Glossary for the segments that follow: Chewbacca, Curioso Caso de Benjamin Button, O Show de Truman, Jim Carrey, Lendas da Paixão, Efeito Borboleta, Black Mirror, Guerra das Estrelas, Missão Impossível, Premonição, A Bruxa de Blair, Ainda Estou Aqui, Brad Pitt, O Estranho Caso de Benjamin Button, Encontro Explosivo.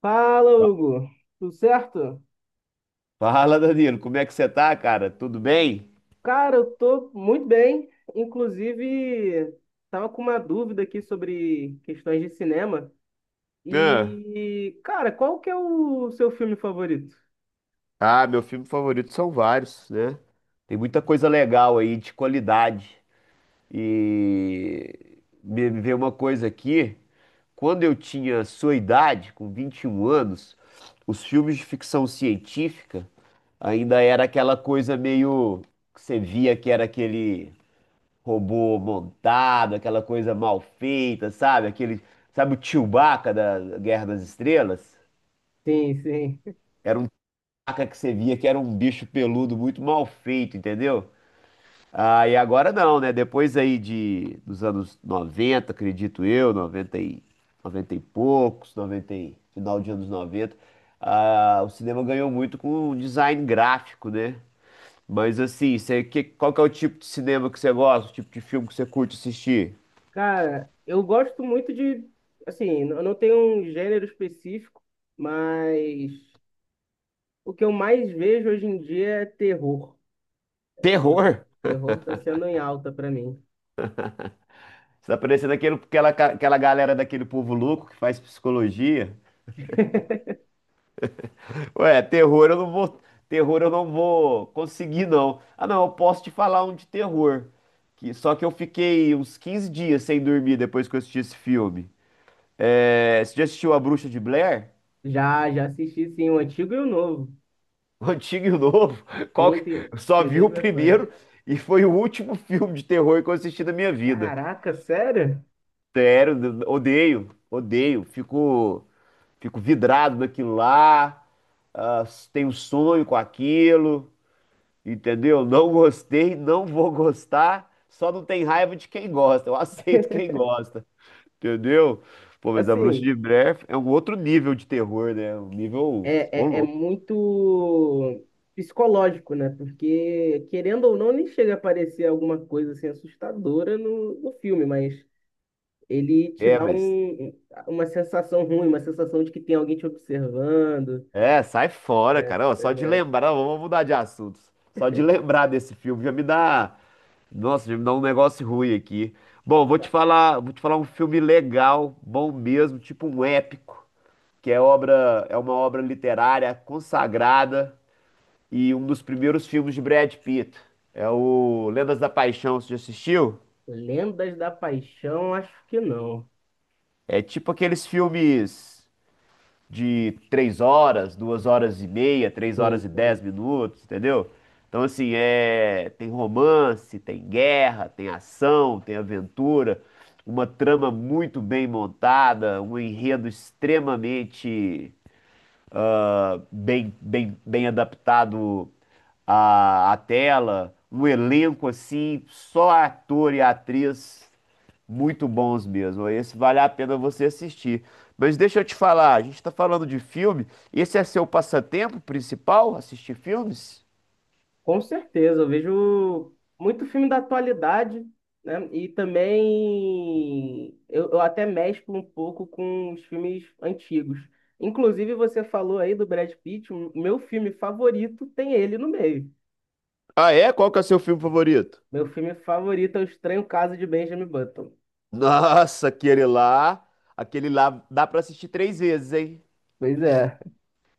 Fala, Hugo. Tudo certo? Fala, Danilo, como é que você tá, cara? Tudo bem? Cara, eu tô muito bem. Inclusive, tava com uma dúvida aqui sobre questões de cinema. Ah, E, cara, qual que é o seu filme favorito? ah, meu filme favorito são vários, né? Tem muita coisa legal aí de qualidade. E me veio uma coisa aqui, quando eu tinha sua idade, com 21 anos, os filmes de ficção científica ainda era aquela coisa meio que você via que era aquele robô montado, aquela coisa mal feita, sabe? Aquele, sabe o Chewbacca da Guerra das Estrelas? Sim, sim. Era um taca que você via que era um bicho peludo muito mal feito, entendeu? Ah, e agora não, né? Depois aí dos anos 90 acredito eu, 90 e poucos, final de anos 90 o cinema ganhou muito com o design gráfico, né? Mas assim, qual que é o tipo de cinema que você gosta, o tipo de filme que você curte assistir? Cara, eu gosto muito de, assim, eu não tenho um gênero específico, mas o que eu mais vejo hoje em dia é terror. Terror, Terror? terror tá sendo em alta pra mim. Você tá parecendo aquela galera daquele povo louco que faz psicologia. Ué, terror eu não vou conseguir não. Ah, não, eu posso te falar um de terror. Que só que eu fiquei uns 15 dias sem dormir depois que eu assisti esse filme. É, você já assistiu A Bruxa de Blair? Já, já assisti, sim, o antigo e o novo. O antigo e o novo? Qual Sim, que- tem, Eu só tem vi duas o versões. primeiro e foi o último filme de terror que eu assisti na minha vida. Caraca, sério? Sério, odeio, odeio. Fico vidrado naquilo lá. Ah, tenho um sonho com aquilo. Entendeu? Não gostei, não vou gostar, só não tem raiva de quem gosta. Eu aceito quem gosta, entendeu? Pô, mas a Bruxa de Assim, Blair é um outro nível de terror, né? Um nível. Ô, é louco. muito psicológico, né? Porque, querendo ou não, nem chega a aparecer alguma coisa assim assustadora no filme, mas ele te É, dá mas. um, uma sensação ruim, uma sensação de que tem alguém te observando. É, sai fora, É, cara. Ó, pois só de é. lembrar, ó, vamos mudar de assunto. Só de lembrar desse filme já me dá. Nossa, já me dá um negócio ruim aqui. Bom, vou te falar um filme legal, bom mesmo, tipo um épico, é uma obra literária consagrada. E um dos primeiros filmes de Brad Pitt. É o Lendas da Paixão, você já assistiu? Lendas da Paixão, acho que não. É tipo aqueles filmes de 3 horas, 2 horas e meia, três Sim, horas e dez sim. minutos, entendeu? Então, assim, é tem romance, tem guerra, tem ação, tem aventura, uma trama muito bem montada, um enredo extremamente bem, bem, bem adaptado à tela, um elenco assim, só ator e atriz muito bons mesmo. Esse vale a pena você assistir. Mas deixa eu te falar, a gente está falando de filme, esse é seu passatempo principal, assistir filmes? Com certeza, eu vejo muito filme da atualidade, né? E também eu até mesclo um pouco com os filmes antigos. Inclusive, você falou aí do Brad Pitt, o meu filme favorito tem ele no meio. Ah, é? Qual que é o seu filme favorito? Meu filme favorito é O Estranho Caso de Benjamin Button. Nossa, aquele lá dá pra assistir três vezes, hein? Pois é.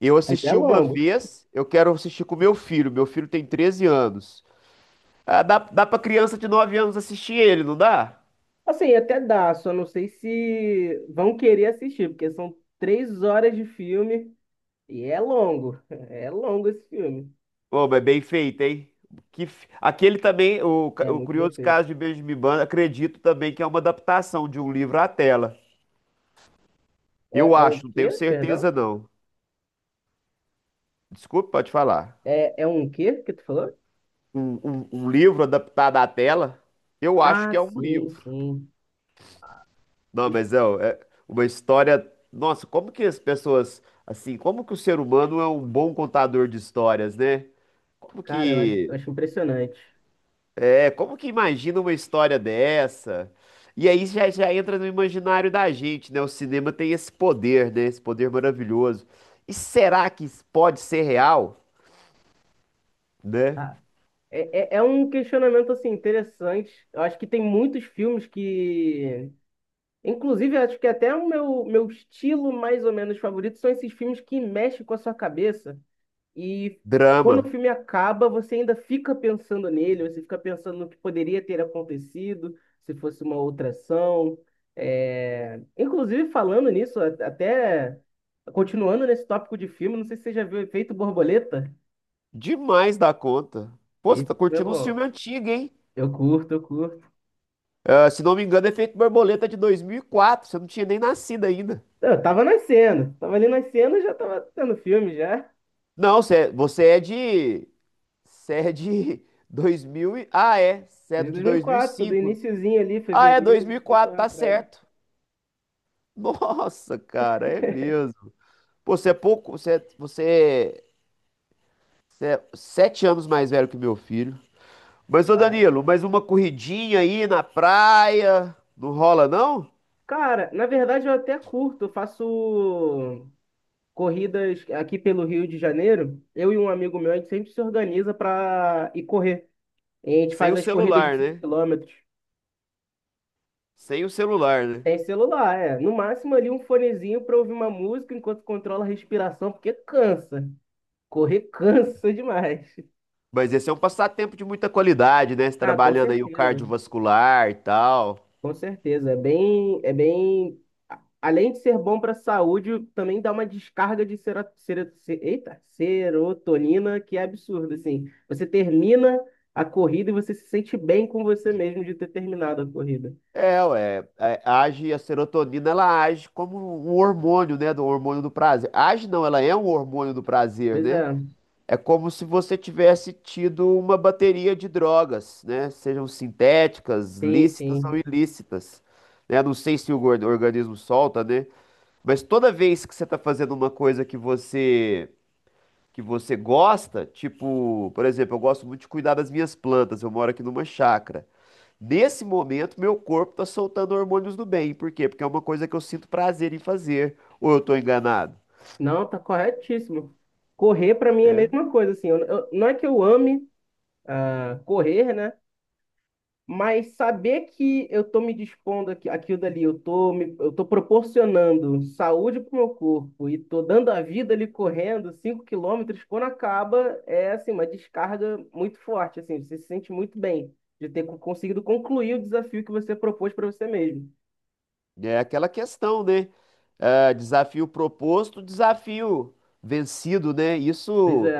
Eu Mas é assisti uma longo. vez, eu quero assistir com meu filho. Meu filho tem 13 anos. Ah, dá pra criança de 9 anos assistir ele, não dá? Assim, até dá, só não sei se vão querer assistir, porque são três horas de filme e é longo. É longo esse filme. Ô, mas bem feito, hein? Aquele também, o, ca- É o muito bem Curioso feito. Caso de Benjamin Button, acredito também que é uma adaptação de um livro à tela. Eu É, é um acho, não tenho quê? certeza Perdão? não. Desculpe, pode falar. É, é um quê que tu falou? Um livro adaptado à tela? Eu acho Ah, que é um sim, livro. sim. Não, é uma história. Nossa, como que as pessoas. Assim, como que o ser humano é um bom contador de histórias, né? Como Cara, eu acho, eu que acho impressionante. É, como que imagina uma história dessa? E aí já entra no imaginário da gente, né? O cinema tem esse poder, né? Esse poder maravilhoso. E será que isso pode ser real, né? Ah, é um questionamento, assim, interessante. Eu acho que tem muitos filmes que... Inclusive, eu acho que até o meu estilo mais ou menos favorito são esses filmes que mexem com a sua cabeça. E quando o Drama. filme acaba, você ainda fica pensando nele, você fica pensando no que poderia ter acontecido se fosse uma outra ação. É, inclusive, falando nisso, até continuando nesse tópico de filme, não sei se você já viu o Efeito Borboleta. Demais da conta. Pô, você tá Esse é curtindo um bom. filme antigo, hein? Eu curto. Ah, se não me engano, Efeito Borboleta de 2004. Você não tinha nem nascido ainda. Eu tava nascendo, tava ali nascendo e já tava tendo filme já. Não, você é de... Você é de 2000 e... Ah, é. Você é Desde de dois mil e 2004, sou do cinco. iniciozinho ali, Ah, é dois fevereiro de mil e quatro, tá 2004, né? certo. Nossa, cara, é mesmo. Pô, você é pouco, você, é- você, é, você é 7 anos mais velho que meu filho. Mas, ô Pai. Danilo, mais uma corridinha aí na praia, não rola não? Cara, na verdade eu até curto, eu faço corridas aqui pelo Rio de Janeiro, eu e um amigo meu, a gente sempre se organiza para ir correr. A gente Sem faz o as corridas de celular, 5 né? quilômetros. Sem o celular, né? Tem celular, é. No máximo ali um fonezinho para ouvir uma música enquanto controla a respiração, porque cansa. Correr cansa demais. Mas esse é um passatempo de muita qualidade, né? Você Ah, com trabalhando aí o certeza. cardiovascular e tal. Com certeza, é bem, além de ser bom para a saúde, também dá uma descarga de sera, sera, se- eita, serotonina que é absurda, assim. Você termina a corrida e você se sente bem com você mesmo de ter terminado a corrida. A serotonina, ela age como um hormônio, né? Do hormônio do prazer. Age não, ela é um hormônio do prazer, Pois né? é, É como se você tivesse tido uma bateria de drogas, né? Sejam sintéticas, sim, lícitas ou sim. ilícitas, né? Não sei se o organismo solta, né? Mas toda vez que você está fazendo uma coisa que você gosta, tipo, por exemplo, eu gosto muito de cuidar das minhas plantas, eu moro aqui numa chácara. Nesse momento, meu corpo está soltando hormônios do bem. Por quê? Porque é uma coisa que eu sinto prazer em fazer. Ou eu estou enganado? Não, tá corretíssimo. Correr para mim é a É. mesma coisa, assim. Não é que eu ame, correr, né? Mas saber que eu estou me dispondo aqui, aquilo dali, eu tô proporcionando saúde para o meu corpo e estou dando a vida ali correndo 5 quilômetros, quando acaba, é assim, uma descarga muito forte, assim, você se sente muito bem de ter conseguido concluir o desafio que você propôs para você mesmo. É aquela questão, né? Ah, desafio proposto, desafio vencido, né? Pois Isso, é,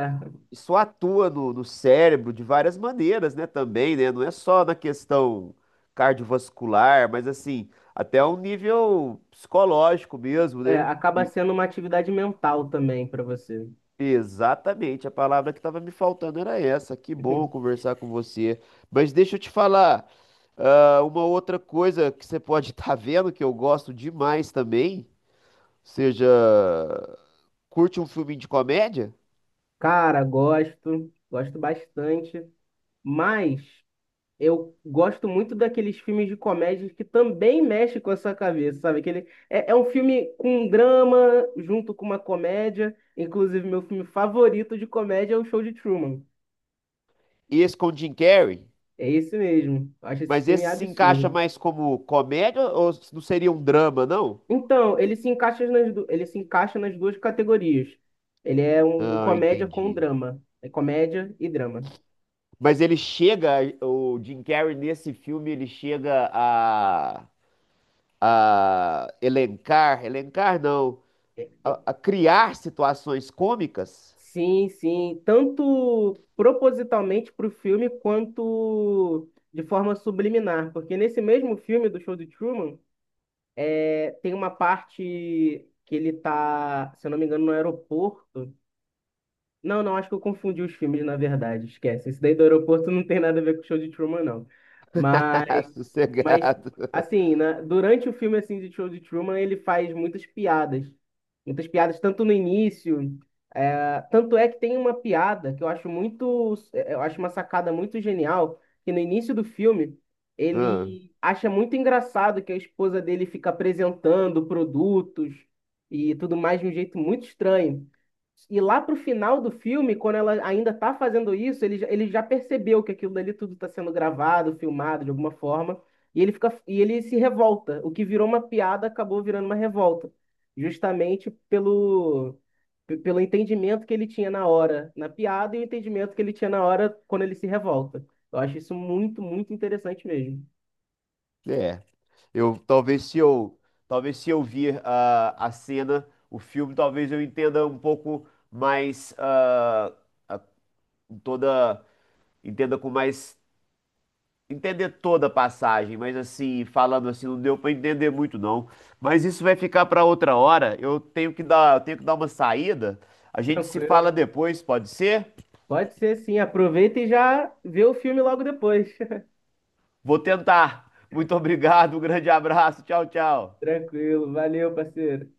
isso atua no cérebro de várias maneiras, né? Também, né? Não é só na questão cardiovascular, mas assim, até um nível psicológico mesmo, é, né? acaba E- sendo uma atividade mental também para você. Exatamente, a palavra que estava me faltando era essa. Que bom conversar com você. Mas deixa eu te falar, uma outra coisa que você pode estar vendo que eu gosto demais também. Ou seja, curte um filme de comédia, Cara, gosto, gosto bastante, mas eu gosto muito daqueles filmes de comédia que também mexe com a sua cabeça, sabe? Aquele, é um filme com um drama junto com uma comédia. Inclusive, meu filme favorito de comédia é O Show de Truman. esse com Jim Carrey, É esse mesmo. Eu acho esse mas filme esse se encaixa absurdo. mais como comédia ou não seria um drama, não? Então, ele se encaixa nas duas categorias. Ele é um Ah, comédia com entendi. drama. É comédia e drama. Mas ele chega, o Jim Carrey nesse filme, ele chega a elencar, elencar não, É. a criar situações cômicas. Sim, sim. Tanto propositalmente para o filme, quanto de forma subliminar. Porque nesse mesmo filme do Show de Truman, tem uma parte que ele tá, se eu não me engano, no aeroporto. Não, não, acho que eu confundi os filmes, na verdade. Esquece. Esse daí do aeroporto não tem nada a ver com o show de Truman, não. Mas Sossegado. assim, né, durante o filme assim, de Show de Truman, ele faz muitas piadas. Muitas piadas, tanto no início. Tanto é que tem uma piada que eu acho muito. Eu acho uma sacada muito genial, que no início do filme. Ah. Ele acha muito engraçado que a esposa dele fica apresentando produtos e tudo mais de um jeito muito estranho. E lá pro final do filme, quando ela ainda tá fazendo isso, ele já percebeu que aquilo dali tudo tá sendo gravado, filmado de alguma forma, e ele fica, e ele se revolta. O que virou uma piada acabou virando uma revolta, justamente pelo entendimento que ele tinha na hora na piada e o entendimento que ele tinha na hora quando ele se revolta. Eu acho isso muito, muito interessante mesmo. É. Eu talvez se eu vir a cena, o filme, talvez eu entenda um pouco mais, ah, a- toda entenda com mais entender toda a passagem, mas assim, falando assim, não deu para entender muito não. Mas isso vai ficar para outra hora. Eu tenho que dar uma saída. A gente se fala Tranquilo. depois, pode ser? Pode ser sim, aproveita e já vê o filme logo depois. Vou tentar. Muito obrigado, um grande abraço. Tchau, tchau. Tranquilo, valeu, parceiro.